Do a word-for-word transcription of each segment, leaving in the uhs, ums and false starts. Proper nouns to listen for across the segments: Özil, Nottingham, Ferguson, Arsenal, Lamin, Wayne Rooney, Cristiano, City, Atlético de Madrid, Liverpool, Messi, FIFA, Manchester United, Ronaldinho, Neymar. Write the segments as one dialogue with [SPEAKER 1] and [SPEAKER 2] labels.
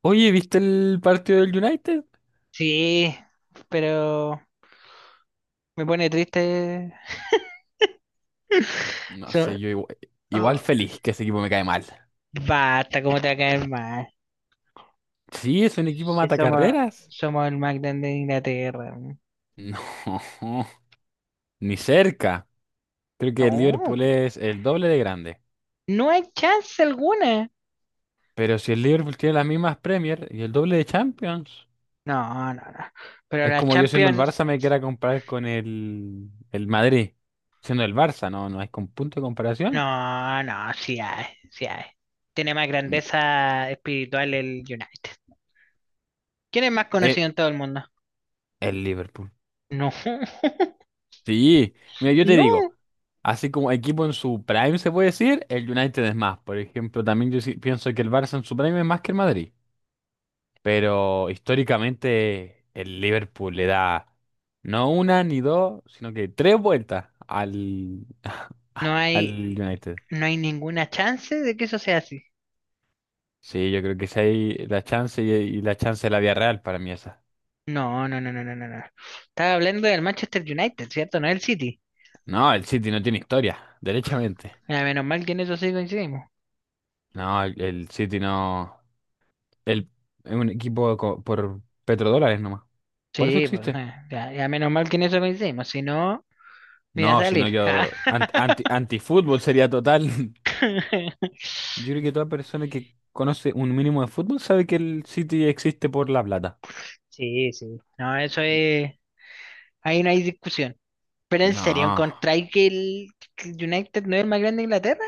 [SPEAKER 1] Oye, ¿viste el partido del United?
[SPEAKER 2] Sí, pero me pone triste.
[SPEAKER 1] No
[SPEAKER 2] So-
[SPEAKER 1] sé, yo igual, igual
[SPEAKER 2] oh,
[SPEAKER 1] feliz que ese equipo me cae mal.
[SPEAKER 2] basta, ¿cómo te va a caer mal?
[SPEAKER 1] Sí, es un equipo
[SPEAKER 2] Si
[SPEAKER 1] mata
[SPEAKER 2] somos,
[SPEAKER 1] carreras.
[SPEAKER 2] somos el más grande de Inglaterra.
[SPEAKER 1] No, ni cerca. Creo que el
[SPEAKER 2] No,
[SPEAKER 1] Liverpool es el doble de grande.
[SPEAKER 2] no hay chance alguna.
[SPEAKER 1] Pero si el Liverpool tiene las mismas Premier y el doble de Champions,
[SPEAKER 2] No, no, no. Pero
[SPEAKER 1] es
[SPEAKER 2] la
[SPEAKER 1] como yo siendo el
[SPEAKER 2] Champions,
[SPEAKER 1] Barça me quiera comparar con el, el Madrid. Siendo el Barça, no, no hay con punto de comparación.
[SPEAKER 2] no, no, sí hay, sí hay. Tiene más
[SPEAKER 1] Mm,
[SPEAKER 2] grandeza espiritual el United. ¿Quién es más conocido
[SPEAKER 1] eh,
[SPEAKER 2] en todo el mundo?
[SPEAKER 1] el Liverpool.
[SPEAKER 2] No,
[SPEAKER 1] Sí, mira, yo te digo,
[SPEAKER 2] no,
[SPEAKER 1] así como equipo en su prime se puede decir, el United es más. Por ejemplo, también yo sí pienso que el Barça en su prime es más que el Madrid. Pero históricamente el Liverpool le da no una ni dos, sino que tres vueltas al,
[SPEAKER 2] no
[SPEAKER 1] al
[SPEAKER 2] hay,
[SPEAKER 1] United.
[SPEAKER 2] no hay ninguna chance de que eso sea así.
[SPEAKER 1] Sí, yo creo que si hay la chance y, y la chance de la vía Real para mí esa.
[SPEAKER 2] No, no, no, no, no, no, no. Estaba hablando del Manchester United, ¿cierto? No el City.
[SPEAKER 1] No, el City no tiene historia, derechamente.
[SPEAKER 2] Ya, menos mal que en eso sí coincidimos.
[SPEAKER 1] No, el el City no. El, es un equipo co- por petrodólares nomás. Por eso
[SPEAKER 2] Sí, pues,
[SPEAKER 1] existe.
[SPEAKER 2] eh, ya, ya menos mal que en eso coincidimos. Si no, me iba a
[SPEAKER 1] No, si no
[SPEAKER 2] salir.
[SPEAKER 1] yo... ant- anti, antifútbol sería total. Yo creo que toda persona que conoce un mínimo de fútbol sabe que el City existe por la plata.
[SPEAKER 2] Sí, sí. No, eso es. Ahí no hay discusión. Pero en serio,
[SPEAKER 1] No.
[SPEAKER 2] ¿encontráis que el, que el United no es el más grande de Inglaterra?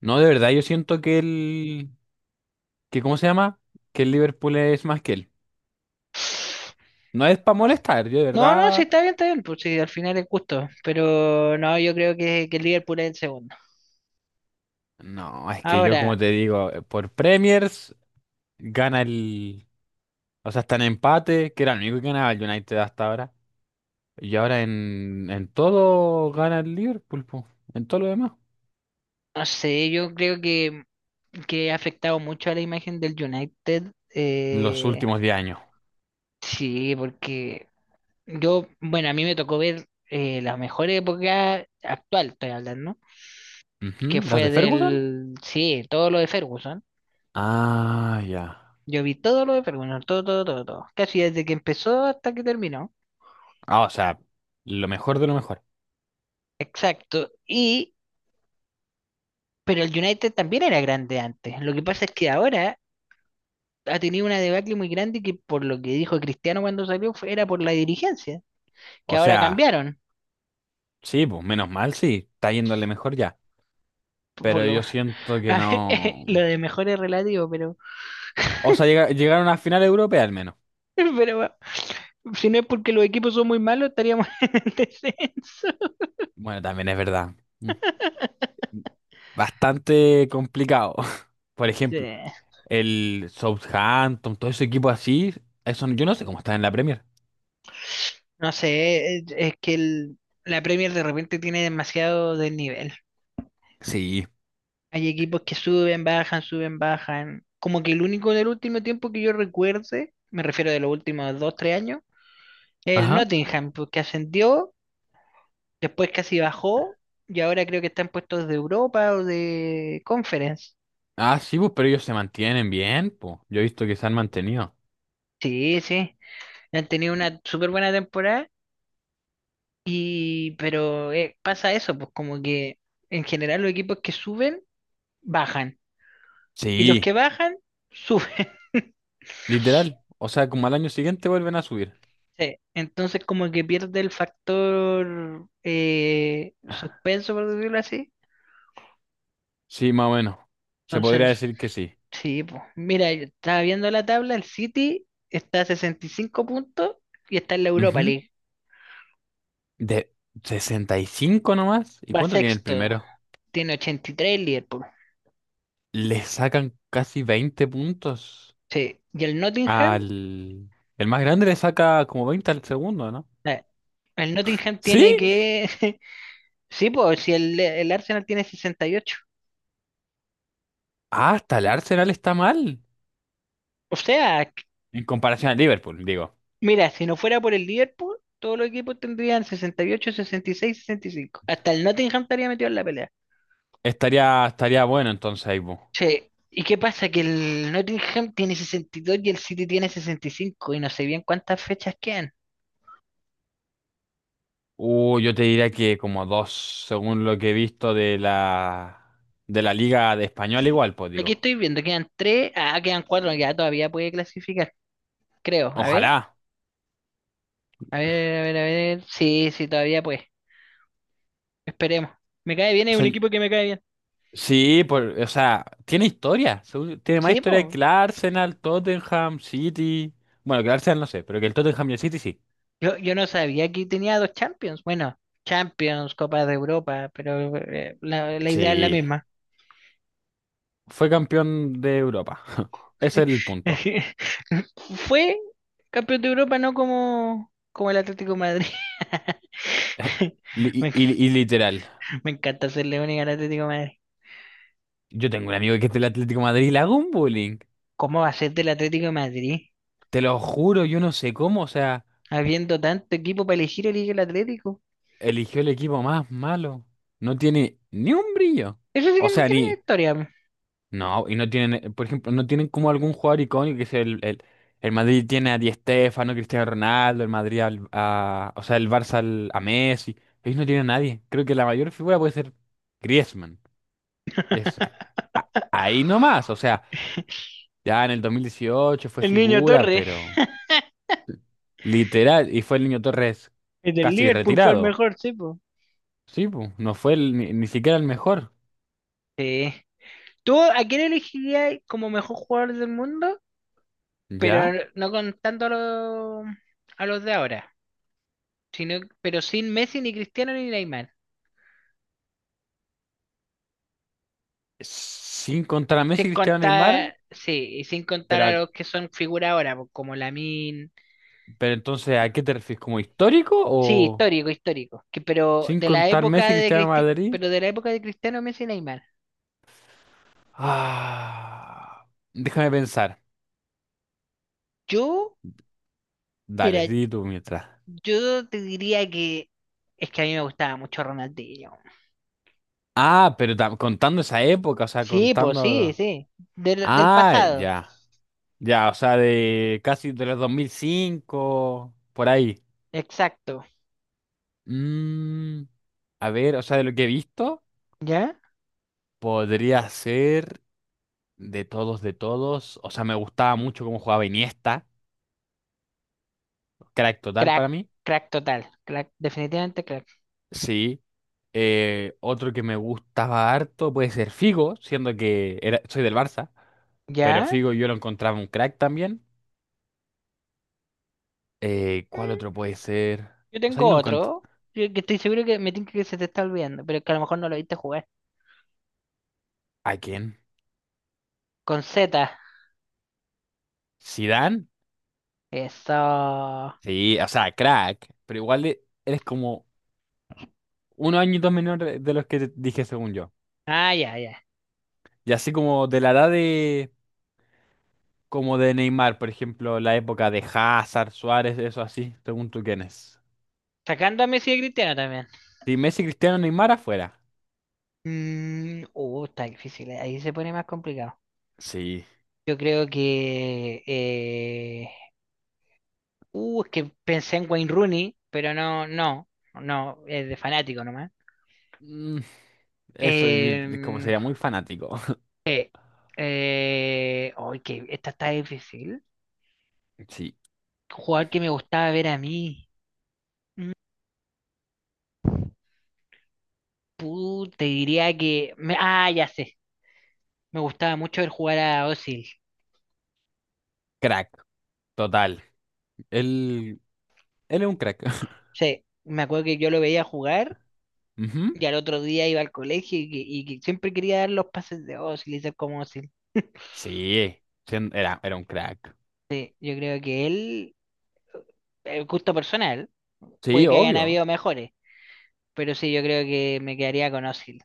[SPEAKER 1] No, de verdad, yo siento que el... que ¿cómo se llama? Que el Liverpool es más que él. No es para molestar, yo de
[SPEAKER 2] No, no, sí,
[SPEAKER 1] verdad...
[SPEAKER 2] está bien, está bien. Pues sí, al final es justo. Pero no, yo creo que, que el Liverpool es el segundo.
[SPEAKER 1] No, es que yo como
[SPEAKER 2] Ahora,
[SPEAKER 1] te digo, eh, por Premiers gana el... O sea, está en empate, que era el único que ganaba el United hasta ahora. Y ahora en, en todo gana el Liverpool, po. En todo lo demás.
[SPEAKER 2] no sé, yo creo que. que ha afectado mucho a la imagen del United.
[SPEAKER 1] Los
[SPEAKER 2] Eh,
[SPEAKER 1] últimos diez años.
[SPEAKER 2] sí, porque yo, bueno, a mí me tocó ver eh, la mejor época actual, estoy hablando, que
[SPEAKER 1] Ujú, ¿las
[SPEAKER 2] fue
[SPEAKER 1] de Ferguson?
[SPEAKER 2] del, sí, todo lo de Ferguson.
[SPEAKER 1] Ah, ya.
[SPEAKER 2] Yo vi todo lo de Ferguson, todo, todo, todo, todo. Casi desde que empezó hasta que terminó.
[SPEAKER 1] Ah, o sea, lo mejor de lo mejor.
[SPEAKER 2] Exacto. Y, pero el United también era grande antes. Lo que pasa es que ahora ha tenido una debacle muy grande que por lo que dijo Cristiano cuando salió fue- era por la dirigencia, que
[SPEAKER 1] O
[SPEAKER 2] ahora
[SPEAKER 1] sea,
[SPEAKER 2] cambiaron.
[SPEAKER 1] sí, pues menos mal, sí, está yéndole mejor ya.
[SPEAKER 2] Por
[SPEAKER 1] Pero
[SPEAKER 2] lo,
[SPEAKER 1] yo siento que
[SPEAKER 2] A ver,
[SPEAKER 1] no.
[SPEAKER 2] lo de mejor es relativo, pero,
[SPEAKER 1] O sea, llega- llegaron a final europea al menos.
[SPEAKER 2] pero bueno, si no es porque los equipos son muy malos, estaríamos en descenso.
[SPEAKER 1] Bueno, también es verdad. Mm, bastante complicado. Por
[SPEAKER 2] Sí,
[SPEAKER 1] ejemplo, el Southampton, todo ese equipo así, eso yo no sé cómo está en la Premier.
[SPEAKER 2] no sé, es, es que el- la Premier de repente tiene demasiado desnivel.
[SPEAKER 1] Sí.
[SPEAKER 2] Hay equipos que suben, bajan, suben, bajan. Como que el único del último tiempo que yo recuerde, me refiero de los últimos dos, tres años, es el
[SPEAKER 1] Ajá.
[SPEAKER 2] Nottingham, pues, que ascendió, después casi bajó, y ahora creo que está en puestos de Europa o de Conference.
[SPEAKER 1] Ah, sí, pues, pero ellos se mantienen bien, pues. Yo he visto que se han mantenido.
[SPEAKER 2] Sí, sí. Han tenido una súper buena temporada, y, pero eh, pasa eso, pues como que en general los equipos que suben, bajan. Y los
[SPEAKER 1] Sí,
[SPEAKER 2] que bajan, suben.
[SPEAKER 1] literal. O sea, como al año siguiente vuelven a subir.
[SPEAKER 2] Sí, entonces como que pierde el factor eh, suspenso, por decirlo así.
[SPEAKER 1] Sí, más o menos. Se podría
[SPEAKER 2] Entonces,
[SPEAKER 1] decir que sí.
[SPEAKER 2] sí, pues mira, yo estaba viendo la tabla, el City está a sesenta y cinco puntos y está en la Europa
[SPEAKER 1] Ujú.
[SPEAKER 2] League.
[SPEAKER 1] De sesenta y cinco nomás. ¿Y
[SPEAKER 2] Va
[SPEAKER 1] cuánto tiene el
[SPEAKER 2] sexto,
[SPEAKER 1] primero?
[SPEAKER 2] tiene ochenta y tres el Liverpool.
[SPEAKER 1] Le sacan casi veinte puntos
[SPEAKER 2] Sí, y el Nottingham
[SPEAKER 1] al... El más grande le saca como veinte al segundo, ¿no?
[SPEAKER 2] Eh, El Nottingham
[SPEAKER 1] ¿Sí?
[SPEAKER 2] tiene que... Sí, pues si el, el Arsenal tiene sesenta y ocho.
[SPEAKER 1] Ah, hasta el Arsenal está mal.
[SPEAKER 2] O sea, c-
[SPEAKER 1] En comparación al Liverpool, digo.
[SPEAKER 2] mira, si no fuera por el Liverpool, todos los equipos tendrían sesenta sesenta y y ocho, sesenta y seis, sesenta y cinco. Hasta el Nottingham estaría metido en la pelea.
[SPEAKER 1] Estaría, estaría bueno entonces ahí, po.
[SPEAKER 2] Che, ¿y qué pasa? Que el Nottingham tiene sesenta y dos y el City tiene sesenta y cinco y no sé bien cuántas fechas quedan.
[SPEAKER 1] Uh, yo te diría que como dos, según lo que he visto de la de la Liga de Español igual, pues
[SPEAKER 2] Aquí
[SPEAKER 1] digo.
[SPEAKER 2] estoy viendo, quedan tres, ah, quedan cuatro, ya todavía puede clasificar, creo. A ver,
[SPEAKER 1] Ojalá.
[SPEAKER 2] a ver, a ver, a ver. Sí, sí, todavía puede. Esperemos. Me cae bien,
[SPEAKER 1] O
[SPEAKER 2] es un
[SPEAKER 1] sea,
[SPEAKER 2] equipo que me cae bien.
[SPEAKER 1] sí, por, o sea, tiene historia. según- Tiene más
[SPEAKER 2] Sí,
[SPEAKER 1] historia que
[SPEAKER 2] pues.
[SPEAKER 1] el Arsenal, Tottenham, City. Bueno, que el Arsenal no sé, pero que el Tottenham y el City sí.
[SPEAKER 2] Yo, yo no sabía que tenía dos Champions. Bueno, Champions, Copa de Europa, pero eh, la, la idea es la
[SPEAKER 1] Sí.
[SPEAKER 2] misma.
[SPEAKER 1] Fue campeón de Europa. Ese es el punto.
[SPEAKER 2] Fue campeón de Europa, no como, como el Atlético de Madrid.
[SPEAKER 1] Li-
[SPEAKER 2] Me,
[SPEAKER 1] Y,
[SPEAKER 2] enc-
[SPEAKER 1] y- y literal.
[SPEAKER 2] me encanta ser única al Atlético de Madrid.
[SPEAKER 1] Yo tengo un amigo que es del Atlético de Madrid y le hago un bullying.
[SPEAKER 2] ¿Cómo va a ser del Atlético de Madrid?
[SPEAKER 1] Te lo juro, yo no sé cómo, o sea.
[SPEAKER 2] Habiendo tanto equipo para elegir, elige el Atlético.
[SPEAKER 1] Eligió el equipo más malo. No tiene ni un brillo.
[SPEAKER 2] Eso sí
[SPEAKER 1] O
[SPEAKER 2] que no
[SPEAKER 1] sea,
[SPEAKER 2] tiene
[SPEAKER 1] ni.
[SPEAKER 2] historia.
[SPEAKER 1] No, y no tienen, eh, por ejemplo, no tienen como algún jugador icónico que es el, el, el Madrid tiene a Di Stéfano, Cristiano Ronaldo, el Madrid al- a, o sea, el Barça al- a Messi. Ellos no tienen a nadie. Creo que la mayor figura puede ser Griezmann. Y es a- a- ahí nomás. O sea, ya en el dos mil dieciocho fue
[SPEAKER 2] El niño
[SPEAKER 1] figura,
[SPEAKER 2] Torre,
[SPEAKER 1] pero literal, y fue el Niño Torres
[SPEAKER 2] el del
[SPEAKER 1] casi
[SPEAKER 2] Liverpool, fue el
[SPEAKER 1] retirado.
[SPEAKER 2] mejor, sí, po.
[SPEAKER 1] Sí, pues, no fue el- ni, ni siquiera el mejor.
[SPEAKER 2] Sí. ¿Tú a quién elegirías como mejor jugador del mundo? Pero
[SPEAKER 1] ¿Ya?
[SPEAKER 2] no contando a los, a los de ahora, sino, pero sin Messi, ni Cristiano, ni Neymar.
[SPEAKER 1] Sin contar a
[SPEAKER 2] Sin
[SPEAKER 1] Messi, Cristiano, Neymar,
[SPEAKER 2] contar, sí, y sin contar
[SPEAKER 1] pero,
[SPEAKER 2] a
[SPEAKER 1] a-
[SPEAKER 2] los que son figura ahora, po, como Lamin.
[SPEAKER 1] pero entonces, ¿a qué te refieres? ¿Como histórico
[SPEAKER 2] Sí,
[SPEAKER 1] o
[SPEAKER 2] histórico, histórico. Que, pero
[SPEAKER 1] sin
[SPEAKER 2] de la
[SPEAKER 1] contar
[SPEAKER 2] época
[SPEAKER 1] Messi,
[SPEAKER 2] de
[SPEAKER 1] Cristiano,
[SPEAKER 2] Cristi-
[SPEAKER 1] Madrid?
[SPEAKER 2] pero de la época de Cristiano, Messi y Neymar.
[SPEAKER 1] Ah, déjame pensar.
[SPEAKER 2] Yo,
[SPEAKER 1] Dale,
[SPEAKER 2] mira,
[SPEAKER 1] di tú mientras.
[SPEAKER 2] yo te diría que es que a mí me gustaba mucho Ronaldinho.
[SPEAKER 1] Ah, pero tam- contando esa época, o sea,
[SPEAKER 2] Sí, pues sí,
[SPEAKER 1] contando...
[SPEAKER 2] sí. Del, del
[SPEAKER 1] Ah,
[SPEAKER 2] pasado.
[SPEAKER 1] ya. Ya, o sea, de casi de los dos mil cinco, por ahí.
[SPEAKER 2] Exacto.
[SPEAKER 1] Mm, a ver, o sea, de lo que he visto,
[SPEAKER 2] ¿Ya?
[SPEAKER 1] podría ser... De todos, de todos. O sea, me gustaba mucho cómo jugaba Iniesta. Crack total
[SPEAKER 2] Crack,
[SPEAKER 1] para mí.
[SPEAKER 2] crack total. Crack, definitivamente crack.
[SPEAKER 1] Sí. Eh, otro que me gustaba harto puede ser Figo, siendo que era, soy del Barça. Pero
[SPEAKER 2] ¿Ya?
[SPEAKER 1] Figo yo lo encontraba un crack también. Eh, ¿cuál
[SPEAKER 2] Mm,
[SPEAKER 1] otro puede ser?
[SPEAKER 2] Yo
[SPEAKER 1] O sea,
[SPEAKER 2] tengo
[SPEAKER 1] yo lo encontré.
[SPEAKER 2] otro. Que que estoy seguro que me tinca que se te está olvidando, pero que a lo mejor no lo viste jugar.
[SPEAKER 1] ¿A quién?
[SPEAKER 2] Con Z.
[SPEAKER 1] ¿Zidane?
[SPEAKER 2] Eso. Ah,
[SPEAKER 1] Sí, o sea, crack. Pero igual e- eres como unos añitos menor de de los que te dije según yo.
[SPEAKER 2] ya, ya.
[SPEAKER 1] Y así como de la edad de. Como de Neymar, por ejemplo, la época de Hazard, Suárez, eso así, según tú quién es.
[SPEAKER 2] Sacando a Messi y a Cristiano también.
[SPEAKER 1] Si Messi, Cristiano, Neymar afuera.
[SPEAKER 2] Mm, uh, está difícil. eh. Ahí se pone más complicado.
[SPEAKER 1] Sí,
[SPEAKER 2] Yo creo que. Eh, Uh, es que pensé en Wayne Rooney, pero no, no. No, es de fanático nomás.
[SPEAKER 1] mm, eso y- es como
[SPEAKER 2] Em,
[SPEAKER 1] sería muy fanático.
[SPEAKER 2] eh, Uy, que esta está difícil.
[SPEAKER 1] Sí,
[SPEAKER 2] Jugador que me gustaba ver a mí. Puta, te diría que. Me- ah, ya sé. Me gustaba mucho ver jugar a Özil.
[SPEAKER 1] crack, total. Él, él es un crack.
[SPEAKER 2] Sí, me acuerdo que yo lo veía jugar
[SPEAKER 1] Ujú.
[SPEAKER 2] y al otro día iba al colegio y que, y que siempre quería dar los pases de Özil y ser como Özil.
[SPEAKER 1] Sí, sí, era, era un crack.
[SPEAKER 2] Sí, yo creo que él, eh, el gusto personal, puede
[SPEAKER 1] Sí,
[SPEAKER 2] que hayan
[SPEAKER 1] obvio,
[SPEAKER 2] habido mejores, pero sí, yo creo que me quedaría con Özil.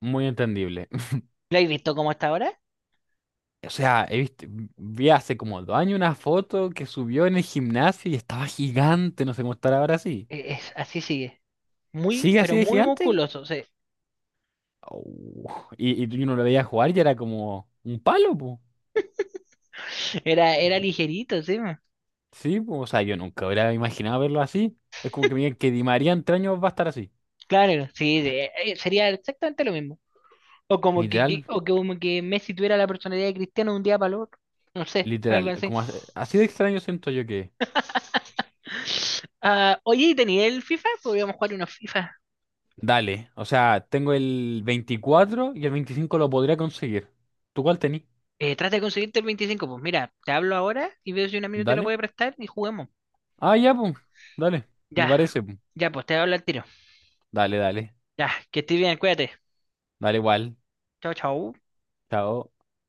[SPEAKER 1] muy entendible.
[SPEAKER 2] ¿Lo habéis visto cómo está ahora?
[SPEAKER 1] O sea, he visto, vi hace como dos años una foto que subió en el gimnasio y estaba gigante, no sé cómo estará ahora sí.
[SPEAKER 2] E- Es, así sigue. Muy,
[SPEAKER 1] ¿Sigue
[SPEAKER 2] pero
[SPEAKER 1] así de
[SPEAKER 2] muy
[SPEAKER 1] gigante?
[SPEAKER 2] musculoso. Sí.
[SPEAKER 1] Oh, y, y tú- uno lo veía jugar y era como un palo, pues.
[SPEAKER 2] Era, era ligerito, sí.
[SPEAKER 1] Sí, po. O sea, yo nunca hubiera imaginado verlo así. Es como que me digan que Di María en tres años va a estar así.
[SPEAKER 2] Claro, sí, sí, eh, eh, sería exactamente lo mismo. O como que, que-
[SPEAKER 1] Literal,
[SPEAKER 2] o que como que Messi tuviera la personalidad de Cristiano de un día para el otro. No sé, algo
[SPEAKER 1] literal.
[SPEAKER 2] así.
[SPEAKER 1] Como as- así de extraño siento yo que.
[SPEAKER 2] Ah, oye, ¿y tenía el FIFA? Podríamos jugar unos FIFA.
[SPEAKER 1] Dale. O sea, tengo el veinticuatro y el veinticinco lo podría conseguir. ¿Tú cuál tenés?
[SPEAKER 2] Eh, trata de conseguirte el veinticinco. Pues mira, te hablo ahora y veo si un amigo te lo
[SPEAKER 1] Dale.
[SPEAKER 2] puede prestar y juguemos.
[SPEAKER 1] Ah, ya, pues. Dale. Me
[SPEAKER 2] Ya,
[SPEAKER 1] parece, po.
[SPEAKER 2] ya, pues te hablo al tiro.
[SPEAKER 1] Dale, dale.
[SPEAKER 2] Ya, que estés bien, cuídate.
[SPEAKER 1] Dale igual.
[SPEAKER 2] Chao, chao.
[SPEAKER 1] Chao.